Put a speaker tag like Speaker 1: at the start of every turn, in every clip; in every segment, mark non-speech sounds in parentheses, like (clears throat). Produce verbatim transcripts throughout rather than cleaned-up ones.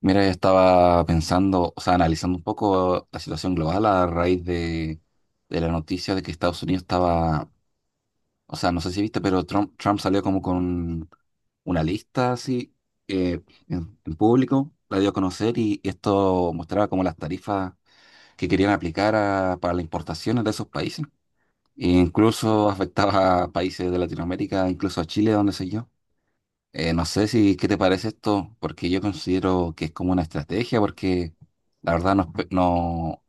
Speaker 1: Mira, yo estaba pensando, o sea, analizando un poco la situación global a raíz de, de la noticia de que Estados Unidos estaba, o sea, no sé si viste, pero Trump, Trump salió como con una lista así eh, en, en público, la dio a conocer y esto mostraba como las tarifas que querían aplicar a- para las importaciones de esos países. E incluso (laughs) afectaba a países de Latinoamérica, incluso a Chile, donde sé yo. Eh, no sé si qué te parece esto, porque yo considero que es como una estrategia, porque la verdad no, espe- no-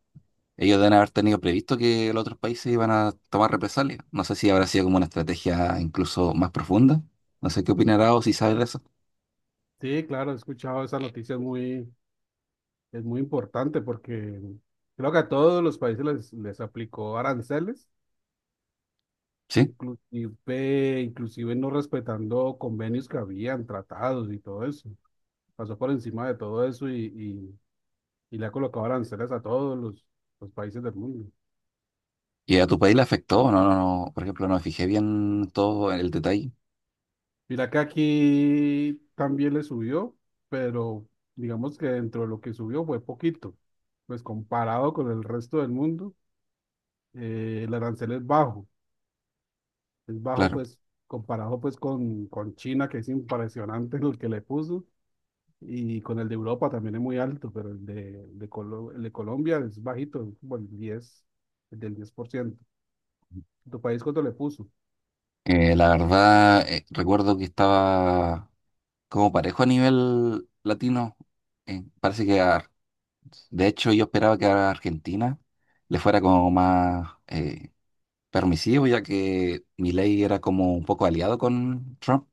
Speaker 1: ellos deben haber tenido previsto que los otros países iban a tomar represalias. No sé si habrá sido como una estrategia incluso más profunda. No sé qué opinarás o si sabes de eso.
Speaker 2: Sí, claro, he escuchado esa noticia, es muy, es muy importante porque creo que a todos los países les, les aplicó aranceles,
Speaker 1: Sí.
Speaker 2: inclusive, inclusive no respetando convenios que habían, tratados y todo eso. Pasó por encima de todo eso y, y, y le ha colocado aranceles a todos los, los países del mundo.
Speaker 1: ¿Y a tu país le afectó? No, no, no. Por ejemplo, no me fijé bien todo el detalle.
Speaker 2: Mira que aquí también le subió, pero digamos que dentro de lo que subió fue poquito, pues comparado con el resto del mundo, eh, el arancel es bajo es bajo
Speaker 1: Claro.
Speaker 2: pues comparado pues con, con China, que es impresionante (laughs) lo que le puso, y con el de Europa también es muy alto, pero el de, de, Colo- el de Colombia es bajito, es como el diez, el del diez por ciento. ¿Tu país cuánto le puso?
Speaker 1: Eh, la verdad, eh, recuerdo que estaba como parejo a nivel latino. Eh, parece que a De hecho, yo esperaba que a Argentina le fuera como más eh, permisivo, ya que Milei era como un poco aliado con Trump.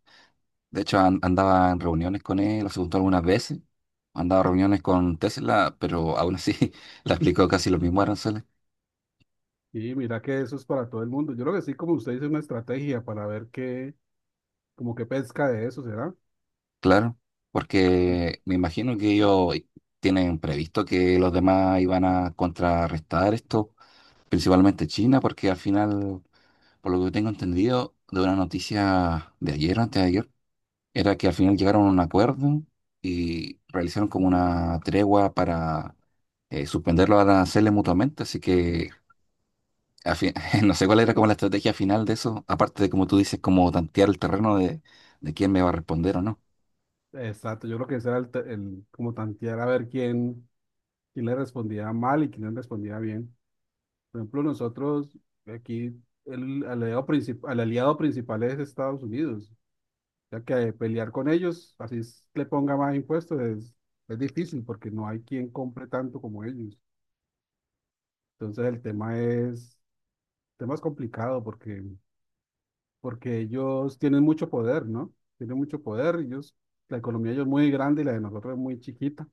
Speaker 1: De hecho, an- andaba en reuniones con él, lo juntó algunas veces. Andaba en reuniones con Tesla, pero aún así (laughs) le aplicó casi los mismos aranceles.
Speaker 2: Y mira que eso es para todo el mundo. Yo creo que sí, como usted dice, una estrategia para ver qué, como qué pesca de eso será.
Speaker 1: Claro, porque me imagino que ellos tienen previsto que los demás iban a contrarrestar esto, principalmente China, porque al final, por lo que tengo entendido, de una noticia de ayer, antes de ayer, era que al final llegaron a un acuerdo y realizaron como una tregua para eh, suspender los aranceles mutuamente, así que a fi- (laughs) no sé cuál era como la estrategia final de eso, aparte de como tú dices, como tantear el terreno de, de quién me va a responder o no.
Speaker 2: Exacto, yo creo que ese era el, te- el- como tantear a ver quién, quién le respondía mal y quién le respondía bien. Por ejemplo, nosotros aquí el aliado, princip- el aliado principal es Estados Unidos, ya que pelear con ellos, así es- le ponga más impuestos, es, es difícil porque no hay quien compre tanto como ellos. Entonces el tema es, el tema es complicado porque, porque ellos tienen mucho poder, ¿no? Tienen mucho poder, ellos, la economía de ellos es muy grande y la de nosotros es muy chiquita.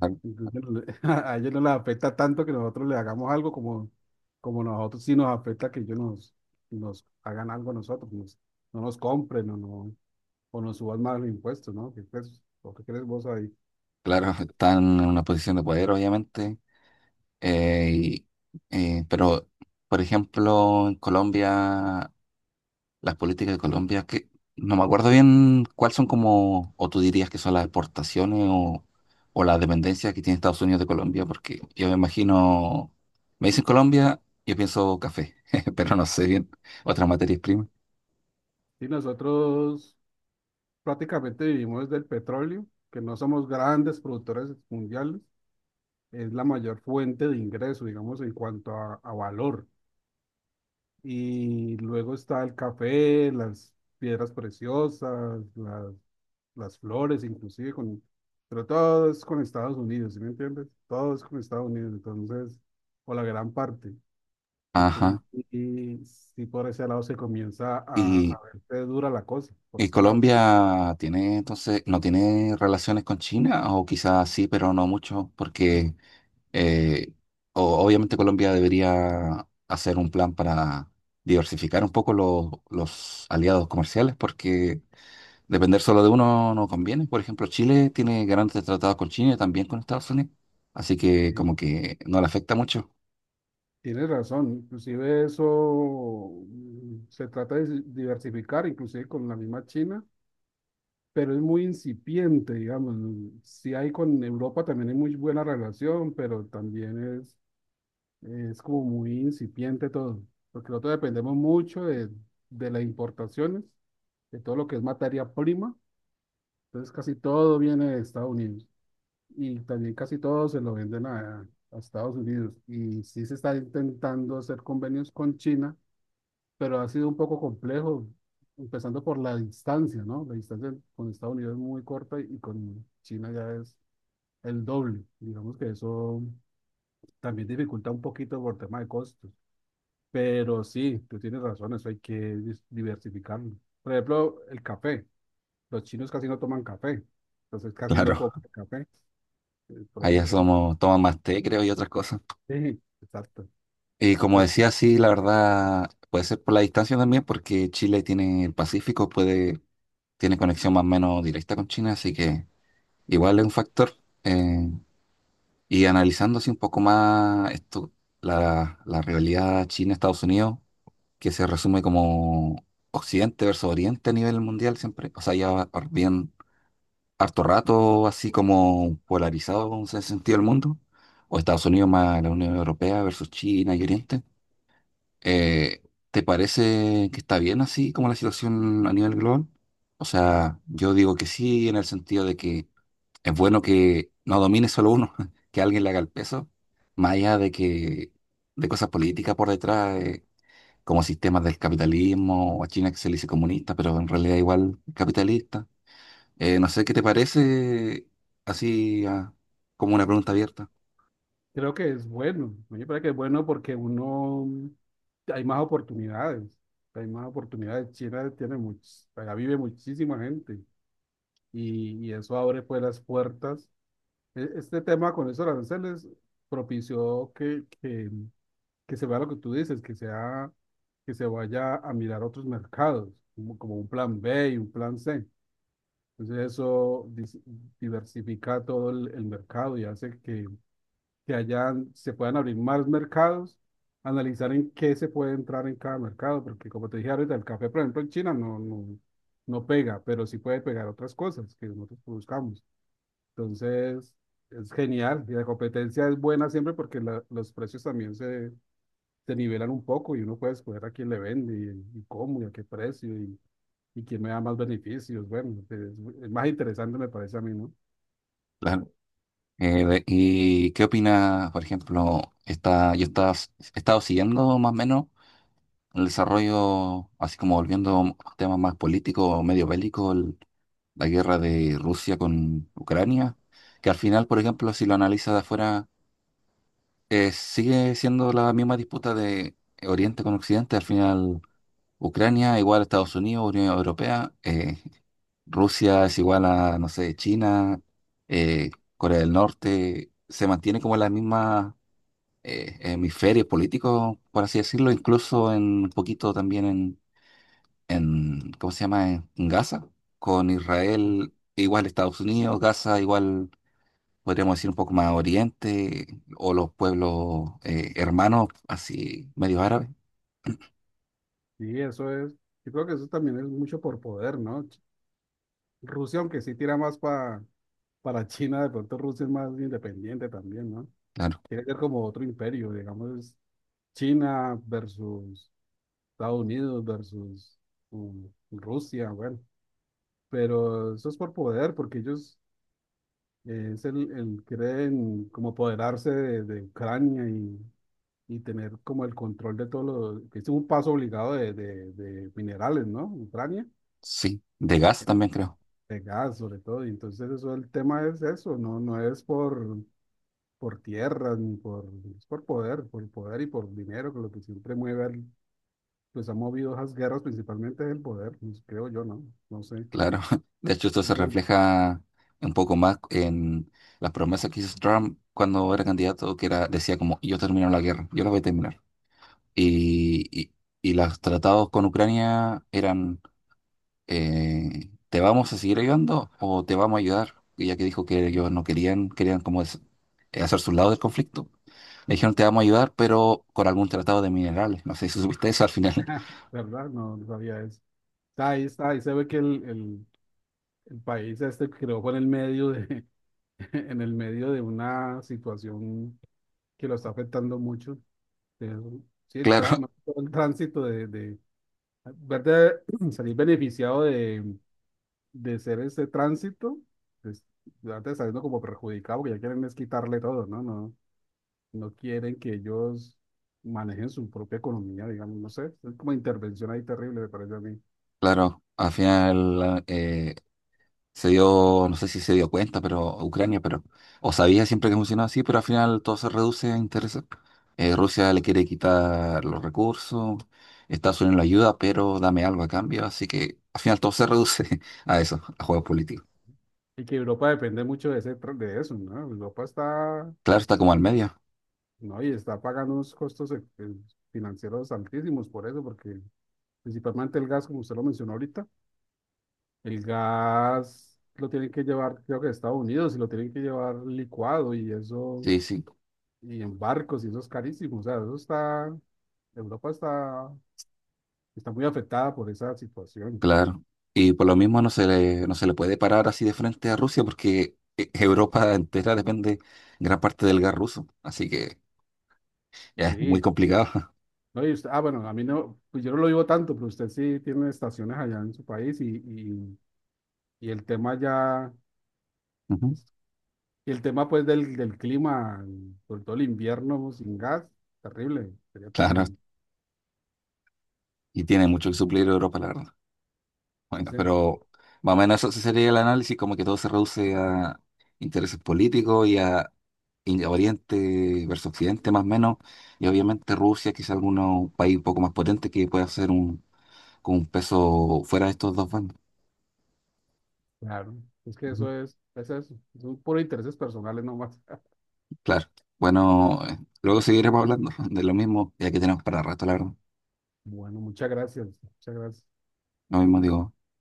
Speaker 1: Ah,
Speaker 2: Entonces, no le- (laughs) a ellos no les afecta tanto que nosotros les hagamos algo como, como nosotros sí nos afecta que ellos nos, nos hagan algo a nosotros, nos- no nos compren o, no, o nos suban más los impuestos, ¿no? ¿Qué crees, o qué crees vos ahí?
Speaker 1: claro, (laughs) están en una posición de poder, obviamente, eh, y, eh, pero, por ejemplo, en Colombia las políticas de Colombia, que no me acuerdo bien cuáles son como, o tú dirías que son las exportaciones o, o la dependencia que tiene Estados Unidos de Colombia, porque yo me imagino, me dicen Colombia, yo pienso café, (laughs) pero no sé bien, otras materias primas.
Speaker 2: Y nosotros prácticamente vivimos del petróleo, que no somos grandes productores mundiales, es la mayor fuente de ingreso, digamos, en cuanto a, a valor. Y luego está el café, las piedras preciosas, las las flores, inclusive con, pero todo es con Estados Unidos, ¿sí me entiendes? Todo es con Estados Unidos, entonces, o la gran parte. Entonces,
Speaker 1: Ajá.
Speaker 2: sí, sí por ese lado se comienza a,
Speaker 1: Y,
Speaker 2: a verte dura la cosa, por
Speaker 1: y
Speaker 2: ese lado.
Speaker 1: Colombia tiene entonces, no tiene relaciones con China, o quizás sí, pero no mucho, porque Eh, o- obviamente Colombia debería hacer un plan para diversificar un poco lo- los aliados comerciales porque depender solo de uno no conviene. Por ejemplo, Chile tiene grandes tratados con China y también con Estados Unidos, así que
Speaker 2: Sí,
Speaker 1: como que no le afecta mucho. (laughs)
Speaker 2: tienes razón, inclusive eso mm, se trata de si- diversificar, inclusive con la misma China, pero es muy incipiente, digamos. Si hay con Europa también hay muy buena relación, pero también es eh, es como muy incipiente todo, porque nosotros dependemos mucho de, de las importaciones, de todo lo que es materia prima. Entonces casi todo viene de Estados Unidos y también casi todo se lo venden a, a Estados Unidos. Y sí se está intentando hacer convenios con China, pero ha sido un poco complejo, empezando por la distancia, ¿no? La distancia con Estados Unidos es muy corta y con China ya es el doble. Digamos que eso también dificulta un poquito por tema de costos. Pero sí, tú tienes razón, eso hay que dis- diversificarlo. Por ejemplo, el café. Los chinos casi no toman café, entonces casi no
Speaker 1: Claro,
Speaker 2: compran café. eh, Por
Speaker 1: allá
Speaker 2: ejemplo, eso,
Speaker 1: somos, toman más té, creo, y otras cosas.
Speaker 2: sí, exacto.
Speaker 1: Y como decía,
Speaker 2: Entonces,
Speaker 1: sí, la verdad, puede ser por la distancia también, porque Chile tiene el Pacífico, puede, tiene conexión más o menos directa con China, así que igual es un factor. Eh, Y analizando así un poco más esto, la, la rivalidad China-Estados Unidos, que se resume como Occidente versus Oriente a nivel mundial siempre, o sea, ya va bien harto rato así como polarizado en ese sentido el mundo, o Estados Unidos más la Unión Europea versus China y Oriente. Eh, ¿Te parece que está bien así como la situación a nivel global? O sea, yo digo que sí, en el sentido de que es bueno que no domine solo uno, (laughs) que alguien le haga el peso, más allá de que de cosas políticas por detrás, eh, como sistemas del capitalismo, o a China que se le dice comunista, pero en realidad igual capitalista. Eh, no sé qué te parece, así ah, como una pregunta abierta.
Speaker 2: creo que es bueno. A mí me parece que es bueno porque uno, hay más oportunidades. Hay más oportunidades. China tiene muchos, allá vive muchísima gente y, y eso abre pues las puertas. E- Este tema con esos aranceles propició que, que que se vea lo que tú dices, que sea, que se vaya a mirar otros mercados, como, como un plan B y un plan C. Entonces eso dis- diversifica todo el, el mercado y hace que, que hayan, se puedan abrir más mercados, analizar en qué se puede entrar en cada mercado, porque como te dije ahorita, el café, por ejemplo, en China no, no, no pega, pero sí puede pegar otras cosas que nosotros buscamos. Entonces es genial y la competencia es buena siempre porque la- los precios también se se nivelan un poco y uno puede escoger a quién le vende y, y cómo y a qué precio y, y quién me da más beneficios. Bueno, es, es más interesante me parece a mí, ¿no?
Speaker 1: Claro. Eh, de- ¿y qué opina, por ejemplo, está, yo estaba, he estado siguiendo más o menos el desarrollo, así como volviendo a temas más políticos o medio bélicos, el- la guerra de Rusia con Ucrania, que al final, por ejemplo, si lo analizas de afuera, eh, sigue siendo la misma disputa de Oriente con Occidente. Al final, Ucrania igual a Estados Unidos, Unión Europea, eh, Rusia es igual a, no sé, China, eh, Corea del Norte, se mantiene como la misma... eh, hemisferios políticos, por así decirlo, incluso en un poquito también en, ¿cómo se llama? En, en Gaza, con Israel igual Estados Unidos, Gaza igual podríamos decir un poco más oriente, o los pueblos eh, hermanos, así medio árabes,
Speaker 2: Sí, eso es, yo creo que eso también es mucho por poder, ¿no? Ch- Rusia, aunque sí tira más pa- para China, de pronto Rusia es más independiente también, ¿no?
Speaker 1: claro,
Speaker 2: Quiere ser como otro imperio, digamos, es China versus Estados Unidos versus um, Rusia, bueno, pero eso es por poder, porque ellos Eh, es el, el querer en- como apoderarse de, de Ucrania y, y tener como el control de todo lo que es un paso obligado de, de- de minerales, ¿no? Ucrania,
Speaker 1: sí, de Gaza también creo,
Speaker 2: de gas sobre todo. Y entonces eso, el tema es eso, no, no es por, por tierras ni por, es por poder, por poder y por dinero, que lo que siempre mueve, al- pues ha movido esas guerras principalmente es el poder, pues, creo yo, ¿no? No sé.
Speaker 1: claro. (laughs) De hecho, esto se
Speaker 2: De
Speaker 1: refleja un poco más en las promesas que hizo Trump cuando era candidato, que era, decía como, yo termino la guerra, yo la voy a terminar. Y, y, y los tratados con Ucrania eran eh, ¿te vamos a seguir ayudando o te vamos a ayudar? Y ya que dijo que ellos no querían, querían como es- eh, hacer su lado del conflicto, le dijeron te vamos a ayudar, pero con algún tratado de minerales. No sé si supiste eso al final. (laughs)
Speaker 2: verdad, no, no sabía eso. Está ahí, está ahí, se ve que el, el- el país este creó por el medio de, (laughs) en el medio de una situación que lo está afectando mucho. Eh, Sí, el, tra-
Speaker 1: Claro,
Speaker 2: más que todo el tránsito de, de verte (clears throat) salir beneficiado de, de ser ese tránsito, pues, verte saliendo como perjudicado, porque ya quieren es quitarle todo, ¿no? No, no quieren que ellos manejen su propia economía, digamos, no sé. Es como intervención ahí terrible, me parece a mí.
Speaker 1: claro, al final eh, se dio, no sé si se dio cuenta, pero Ucrania, pero, o sabía siempre que funcionaba así, pero al final todo se reduce a intereses. Eh, Rusia le quiere quitar los recursos, Estados Unidos lo ayuda, pero dame algo a cambio, así que al final todo se reduce (laughs) a eso, a juegos políticos.
Speaker 2: Y que Europa depende mucho de ese, tra- de eso, ¿no? Europa está.
Speaker 1: Claro, está como al medio.
Speaker 2: No, y está pagando unos costos eh, eh, financieros altísimos por eso, porque principalmente el gas, como usted lo mencionó ahorita, el gas lo tienen que llevar, creo que de Estados Unidos, y lo tienen que llevar licuado y eso,
Speaker 1: Sí, sí,
Speaker 2: y en barcos, y eso es carísimo. O sea, eso está, Europa está, está muy afectada por esa situación.
Speaker 1: claro. Y por lo mismo no se le, no se le puede parar así de frente a Rusia porque (laughs) eh, Europa entera depende gran parte del gas ruso, así que ya es muy
Speaker 2: Sí.
Speaker 1: complicado.
Speaker 2: No, y usted, ah, bueno, a mí no, pues yo no lo vivo tanto, pero usted sí tiene estaciones allá en su país y, y, y el tema ya.
Speaker 1: (laughs) Ujú.
Speaker 2: Y el tema pues del, del clima, por todo el invierno sin gas, terrible, sería
Speaker 1: Claro.
Speaker 2: terrible.
Speaker 1: Y tiene mucho que suplir Europa, la verdad.
Speaker 2: Sí,
Speaker 1: Bueno,
Speaker 2: sí,
Speaker 1: pero más o menos eso sí sería el análisis, como que todo se reduce a intereses políticos y a y a Oriente versus Occidente, más o menos. Y obviamente Rusia, quizá algún país un poco más potente que pueda hacer un, con un peso fuera de estos dos bandos.
Speaker 2: claro. Es que
Speaker 1: Ujú.
Speaker 2: eso es, es eso, son puros intereses personales nomás. (laughs)
Speaker 1: Claro. Bueno, eh, luego seguiremos hablando (laughs) de lo mismo, ya que tenemos para rato, la verdad.
Speaker 2: Bueno, muchas gracias, muchas gracias.
Speaker 1: Lo mismo digo.